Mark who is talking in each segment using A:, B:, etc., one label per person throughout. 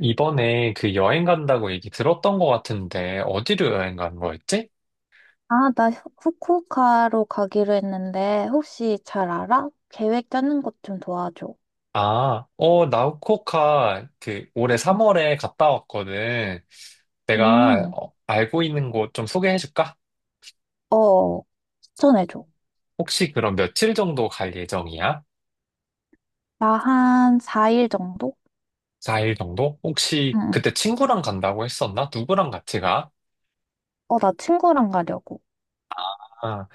A: 이번에 그 여행 간다고 얘기 들었던 것 같은데, 어디로 여행 간 거였지?
B: 아, 나 후쿠오카로 가기로 했는데, 혹시 잘 알아? 계획 짜는 것 좀 도와줘.
A: 아, 나우코카 그 올해
B: 어,
A: 3월에 갔다 왔거든. 내가
B: 음,
A: 알고 있는 곳 좀 소개해 줄까?
B: 어, 추천해줘.
A: 혹시 그럼 며칠 정도 갈 예정이야?
B: 나 한 4일 정도?
A: 4일 정도? 혹시
B: 응, 응,
A: 그때 친구랑 간다고 했었나? 누구랑 같이 가?
B: 어, 나 친구랑 가려고.
A: 아,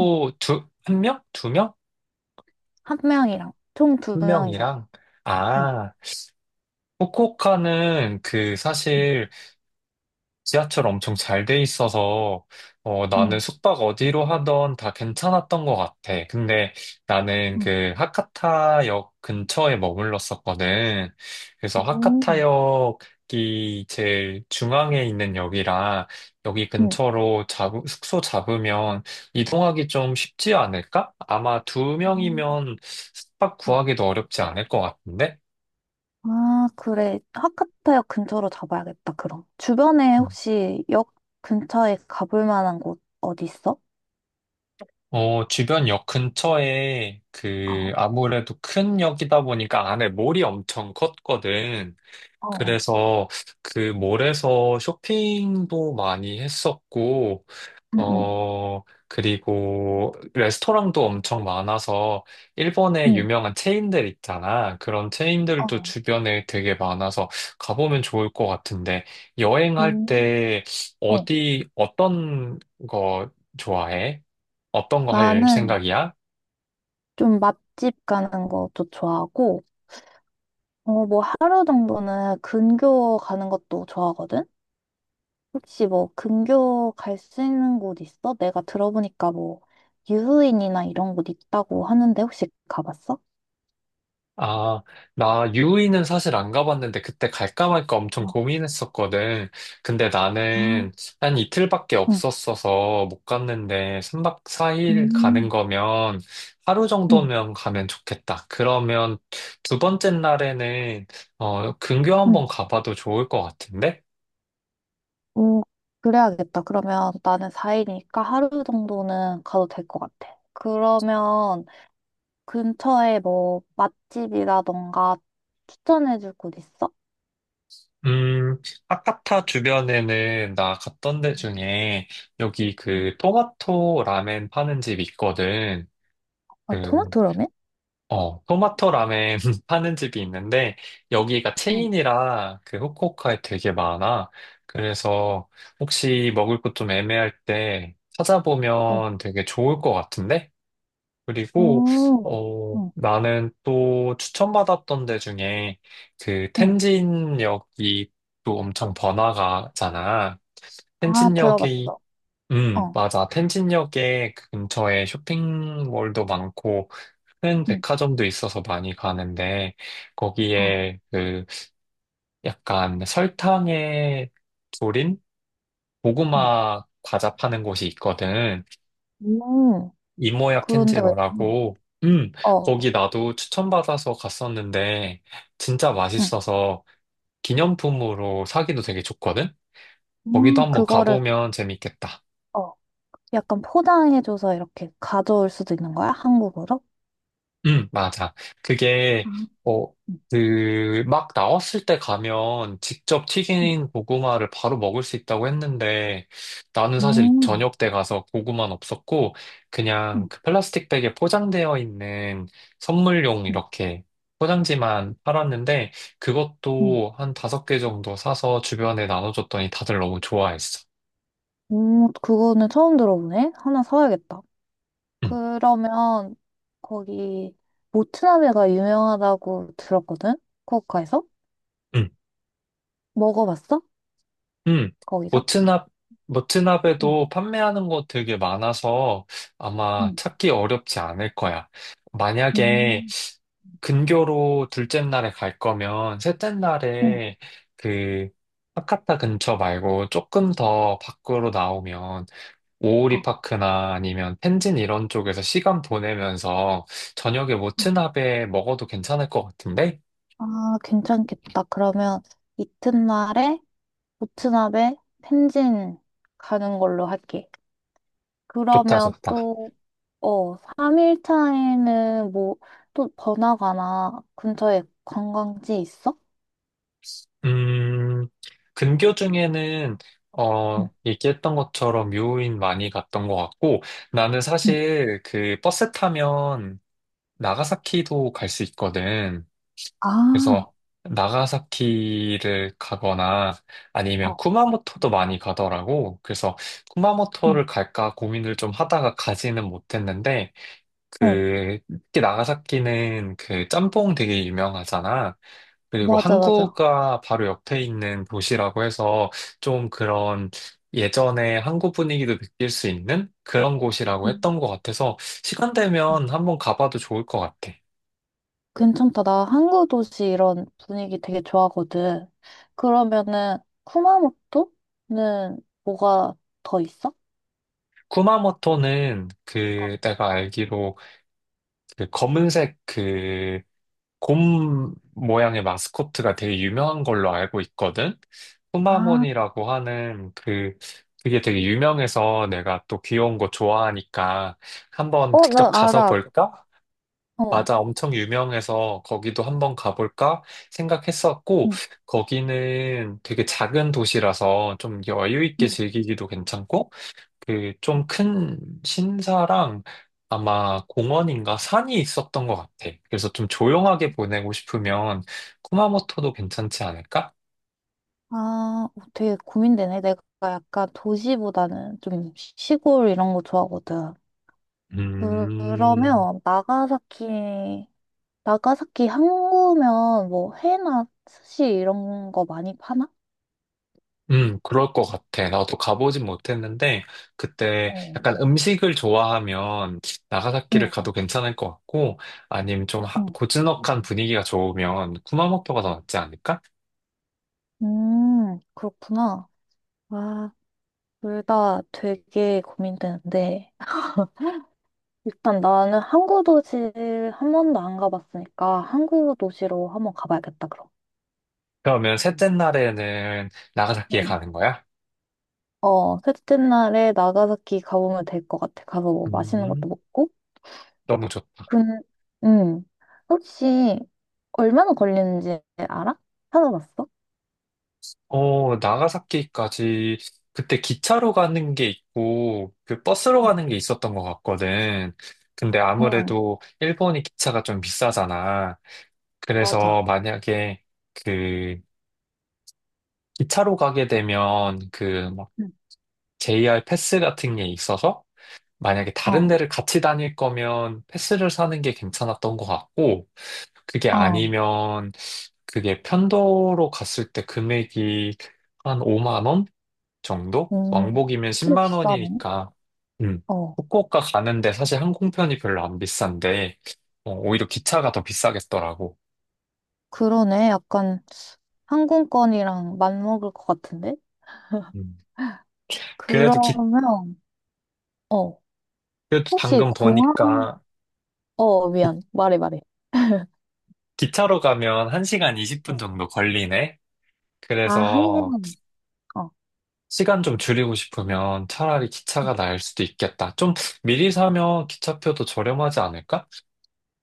B: 응,
A: 두, 한 명? 두 명?
B: 한 명이랑. 총 두
A: 한
B: 명이서.
A: 명이랑?
B: 응,
A: 아, 후쿠오카는 그
B: 응,
A: 사실 지하철 엄청 잘 돼 있어서 나는
B: 응.
A: 숙박 어디로 하던 다 괜찮았던 것 같아. 근데 나는
B: 응,
A: 그 하카타역 근처에 머물렀었거든. 그래서
B: 음,
A: 하카타역이 제일 중앙에 있는 역이라 여기
B: 응.
A: 근처로 숙소 잡으면 이동하기 좀 쉽지 않을까? 아마 두
B: 음.
A: 명이면 숙박
B: 어,
A: 구하기도 어렵지 않을 것 같은데?
B: 아, 그래. 하카타역 근처로 잡아야겠다, 그럼. 주변에 혹시 역 근처에 가볼 만한 곳 어디 있어?
A: 어, 주변 역 근처에
B: 어,
A: 그 아무래도 큰 역이다 보니까 안에 몰이 엄청 컸거든.
B: 어.
A: 그래서 그 몰에서 쇼핑도 많이 했었고,
B: 응, 응.
A: 어, 그리고 레스토랑도 엄청 많아서 일본에
B: 응.
A: 유명한 체인들 있잖아. 그런 체인들도
B: 어,
A: 주변에 되게 많아서 가보면 좋을 것 같은데 여행할
B: 음.
A: 때
B: 어,
A: 어떤 거 좋아해? 어떤 거 할
B: 나는
A: 생각이야?
B: 좀 맛집 가는 것도 좋아하고, 어, 뭐 하루 정도는 근교 가는 것도 좋아하거든? 혹시 뭐 근교 갈 수 있는 곳 있어? 내가 들어보니까 뭐 유후인이나 이런 곳 있다고 하는데 혹시 가봤어?
A: 아, 나 유이는 사실 안 가봤는데 그때 갈까 말까 엄청
B: 어,
A: 고민했었거든. 근데
B: 아,
A: 나는 한 이틀밖에
B: 응,
A: 없었어서 못 갔는데 3박 4일 가는
B: 음,
A: 거면 하루
B: 응,
A: 정도면 가면 좋겠다. 그러면 두 번째 날에는 어, 근교
B: 응.
A: 한번 가봐도 좋을 것 같은데?
B: 오, 그래야겠다. 그러면 나는 4일이니까 하루 정도는 가도 될 것 같아. 그러면 근처에 뭐 맛집이라던가 추천해줄 곳 있어?
A: 음, 아카타 주변에는 나 갔던 데
B: 음.
A: 중에 여기
B: 음.
A: 그 토마토 라멘 파는 집 있거든.
B: 아,
A: 그
B: 토마토 라멘?
A: 어, 토마토 라멘 파는 집이 있는데, 여기가
B: 응,
A: 체인이라 그 후쿠오카에 되게 많아. 그래서 혹시 먹을 것 좀 애매할 때
B: 어.
A: 찾아보면 되게 좋을 것 같은데? 그리고,
B: 오.
A: 어,
B: 응,
A: 나는 또 추천받았던 데 중에 그
B: 응.
A: 텐진역이 또 엄청 번화가잖아.
B: 아,
A: 텐진역에,
B: 들어봤어. 어,
A: 맞아. 텐진역에 그 근처에 쇼핑몰도 많고, 큰
B: 응,
A: 백화점도 있어서 많이 가는데
B: 어,
A: 거기에 그 약간 설탕에 졸인
B: 어.
A: 고구마 과자 파는 곳이 있거든.
B: 음.
A: 이모야
B: 그런데, 나,
A: 캔지로라고. 음,
B: 어,
A: 거기 나도 추천받아서 갔었는데 진짜
B: 응.
A: 맛있어서 기념품으로 사기도 되게 좋거든. 거기도 한번
B: 그거를
A: 가보면 재밌겠다.
B: 어. 약간 포장해줘서 이렇게 가져올 수도 있는 거야? 한국으로?
A: 응, 맞아. 그게,
B: 아.
A: 어,
B: 응,
A: 그, 막 나왔을 때 가면 직접
B: 응.
A: 튀긴 고구마를 바로 먹을 수 있다고 했는데, 나는 사실
B: 음.
A: 저녁 때 가서 고구마는 없었고, 그냥
B: 응,
A: 그 플라스틱 백에 포장되어 있는 선물용
B: 응.
A: 이렇게 포장지만 팔았는데,
B: 응.
A: 그것도 한 다섯 개 정도 사서 주변에 나눠줬더니 다들 너무 좋아했어.
B: 오, 그거는 처음 들어보네? 하나 사야겠다.
A: 응,
B: 그러면 거기 모츠나베가 유명하다고 들었거든? 후쿠오카에서?
A: 응.
B: 먹어봤어?
A: 음,
B: 거기서?
A: 모트납,
B: 응,
A: 모트납에도 판매하는 곳 되게 많아서 아마
B: 응,
A: 찾기 어렵지 않을 거야. 만약에
B: 음,
A: 근교로 둘째 날에 갈 거면 셋째
B: 응,
A: 날에 그 하카타 근처 말고 조금 더 밖으로 나오면 오오리
B: 어,
A: 파크나 아니면 텐진 이런 쪽에서 시간 보내면서 저녁에
B: 어.
A: 모트납에 먹어도 괜찮을 것 같은데?
B: 아, 괜찮겠다. 그러면 이튿날에 모츠나베 펜진 가는 걸로 할게.
A: 좋다,
B: 그러면
A: 좋다.
B: 또, 어, 3일 차에는 뭐, 또 번화가나 근처에 관광지 있어?
A: 음, 근교 중에는,
B: 응,
A: 어, 얘기했던 것처럼 묘인 많이 갔던 것 같고, 나는
B: 응.
A: 사실 그 버스 타면 나가사키도 갈 수 있거든.
B: 아,
A: 그래서 나가사키를 가거나 아니면
B: 어,
A: 쿠마모토도 많이 가더라고. 그래서
B: 응
A: 쿠마모토를 갈까 고민을 좀 하다가 가지는 못했는데,
B: 어,
A: 그, 특히 나가사키는 그 짬뽕 되게 유명하잖아. 그리고
B: 맞아, 맞아.
A: 한국과 바로 옆에 있는 도시라고 해서 좀 그런 예전에 한국 분위기도 느낄 수 있는 그런 곳이라고 했던 것 같아서 시간 되면 한번 가봐도 좋을 것 같아.
B: 괜찮다. 나 항구 도시 이런 분위기 되게 좋아하거든. 그러면은 쿠마모토는 뭐가 더 있어?
A: 쿠마모토는 그 내가 알기로 그 검은색 그 곰 모양의 마스코트가 되게 유명한 걸로 알고 있거든.
B: 아,
A: 푸마몬이라고 하는 그, 그게 되게 유명해서 내가 또 귀여운 거 좋아하니까 한번
B: 어, 나
A: 직접 가서
B: 알아.
A: 볼까?
B: 어.
A: 맞아, 엄청 유명해서 거기도 한번 가볼까 생각했었고,
B: 응,
A: 거기는 되게 작은 도시라서 좀 여유 있게
B: 응.
A: 즐기기도 괜찮고, 그 좀 큰 신사랑 아마 공원인가 산이 있었던 것 같아. 그래서 좀 조용하게 보내고 싶으면 쿠마모토도 괜찮지 않을까?
B: 아, 어, 되게 고민되네. 내가 약간 도시보다는 좀 시골 이런 거 좋아하거든.
A: 음,
B: 그러면 나가사키, 나가사키 항구면 뭐 회나 스시 이런 거 많이 파나?
A: 그럴 것 같아. 나도 가보진 못했는데 그때
B: 어,
A: 약간 음식을 좋아하면 나가사키를
B: 응.
A: 가도 괜찮을 것 같고 아니면 좀
B: 응.
A: 고즈넉한 분위기가 좋으면 쿠마모토가 더 낫지 않을까?
B: 그렇구나. 와, 둘 다 되게 고민되는데, 일단 나는 항구 도시 한 번도 안 가봤으니까 항구 도시로 한번 가봐야겠다, 그럼.
A: 그러면 셋째 날에는 나가사키에
B: 응.
A: 가는 거야?
B: 어, 셋째 날에 나가사키 가보면 될 것 같아. 가서 뭐 맛있는
A: 음,
B: 것도 먹고.
A: 너무 좋다.
B: 근, 음, 혹시 얼마나 걸리는지 알아? 찾아봤어?
A: 어, 나가사키까지 그때 기차로 가는 게 있고 그 버스로
B: 응,
A: 가는 게 있었던 것 같거든. 근데
B: 응,
A: 아무래도 일본이 기차가 좀 비싸잖아. 그래서
B: 맞아.
A: 만약에 그 기차로 가게 되면 그막
B: 응.
A: JR 패스 같은 게 있어서 만약에 다른
B: 어,
A: 데를 같이 다닐 거면 패스를 사는 게 괜찮았던 것 같고 그게
B: 어,
A: 아니면 그게 편도로 갔을 때 금액이 한 5만 원? 정도?
B: 음,
A: 왕복이면
B: 꽤
A: 10만
B: 비싸네.
A: 원이니까, 음,
B: 어,
A: 후쿠오카 가는데 사실 항공편이 별로 안 비싼데, 어, 오히려 기차가 더 비싸겠더라고.
B: 그러네. 약간 항공권이랑 맞먹을 것 같은데?
A: 음. 그래도 기,
B: 그러면, 어,
A: 그래도
B: 혹시
A: 방금
B: 공항,
A: 보니까
B: 어, 미안. 말해, 말해.
A: 차로 가면 1시간 20분
B: 어.
A: 정도 걸리네?
B: 아, 한
A: 그래서
B: 시간. 어.
A: 시간 좀 줄이고 싶으면 차라리 기차가 나을 수도 있겠다. 좀 미리 사면 기차표도 저렴하지 않을까?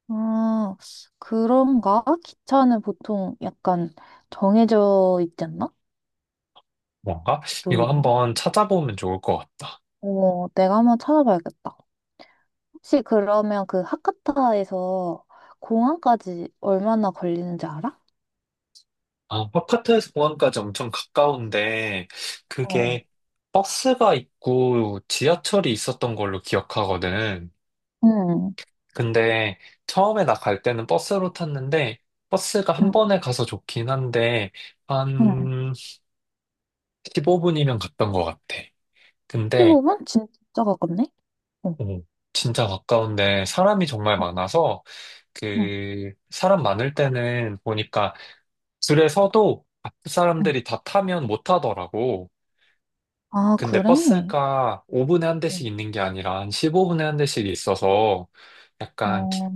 B: 아, 그런가? 기차는 보통 약간 정해져 있지 않나?
A: 뭔가? 이거
B: 모르겠네.
A: 한번 찾아보면 좋을 것 같다.
B: 어, 내가 한번 찾아봐야겠다. 혹시 그러면 그 하카타에서 공항까지 얼마나 걸리는지 알아?
A: 아, 파파트에서 공항까지 엄청 가까운데,
B: 어,
A: 그게 버스가 있고 지하철이 있었던 걸로 기억하거든.
B: 응,
A: 근데 처음에 나 갈 때는 버스로 탔는데, 버스가 한
B: 응,
A: 번에 가서 좋긴 한데,
B: 응.
A: 한 15분이면 갔던 것 같아. 근데,
B: 15분? 진짜 가깝네? 어,
A: 오, 진짜 가까운데 사람이 정말
B: 어,
A: 많아서,
B: 응,
A: 그, 사람 많을 때는 보니까 줄에 서도 앞
B: 응,
A: 사람들이 다 타면 못 타더라고.
B: 아,
A: 근데
B: 그래?
A: 버스가 5분에 한
B: 응.
A: 대씩 있는 게 아니라 한 15분에 한 대씩 있어서 약간
B: 어,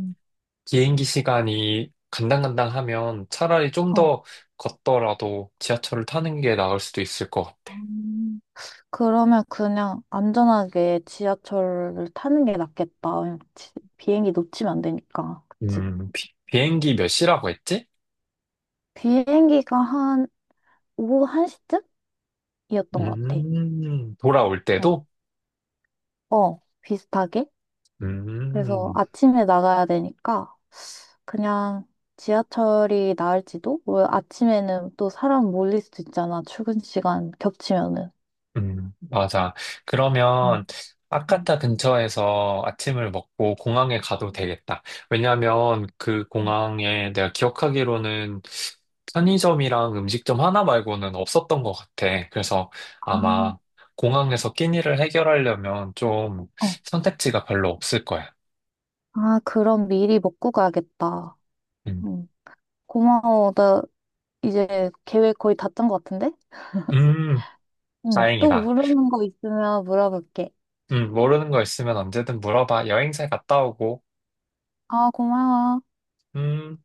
A: 행기 시간이 간당간당하면 차라리 좀
B: 어.
A: 더 걷더라도 지하철을 타는 게 나을 수도 있을 것 같아.
B: 음. 그러면 그냥 안전하게 지하철을 타는 게 낫겠다. 왜냐면 비행기 놓치면 안 되니까. 그치?
A: 비행기 몇 시라고 했지?
B: 비행기가 한 오후 1시쯤이었던 것 같아.
A: 돌아올
B: 응.
A: 때도?
B: 어, 비슷하게. 그래서
A: 음.
B: 아침에 나가야 되니까 그냥 지하철이 나을지도? 왜 아침에는 또 사람 몰릴 수도 있잖아. 출근 시간 겹치면은.
A: 맞아. 그러면
B: 음, 음,
A: 아카타 근처에서 아침을 먹고 공항에 가도 되겠다. 왜냐면 그
B: 음.
A: 공항에 내가 기억하기로는 편의점이랑 음식점 하나 말고는 없었던 것 같아. 그래서
B: 아,
A: 아마 공항에서 끼니를 해결하려면 좀
B: 어.
A: 선택지가 별로 없을 거야.
B: 아, 그럼 미리 먹고 가야겠다.
A: 음,
B: 응. 고마워. 이제 계획 거의 다짠 것 같은데?
A: 음,
B: 응. 또
A: 다행이다.
B: 모르는 거 있으면 물어볼게.
A: 모르는 거 있으면 언제든 물어봐. 여행 잘 갔다 오고.
B: 아, 고마워.
A: 음.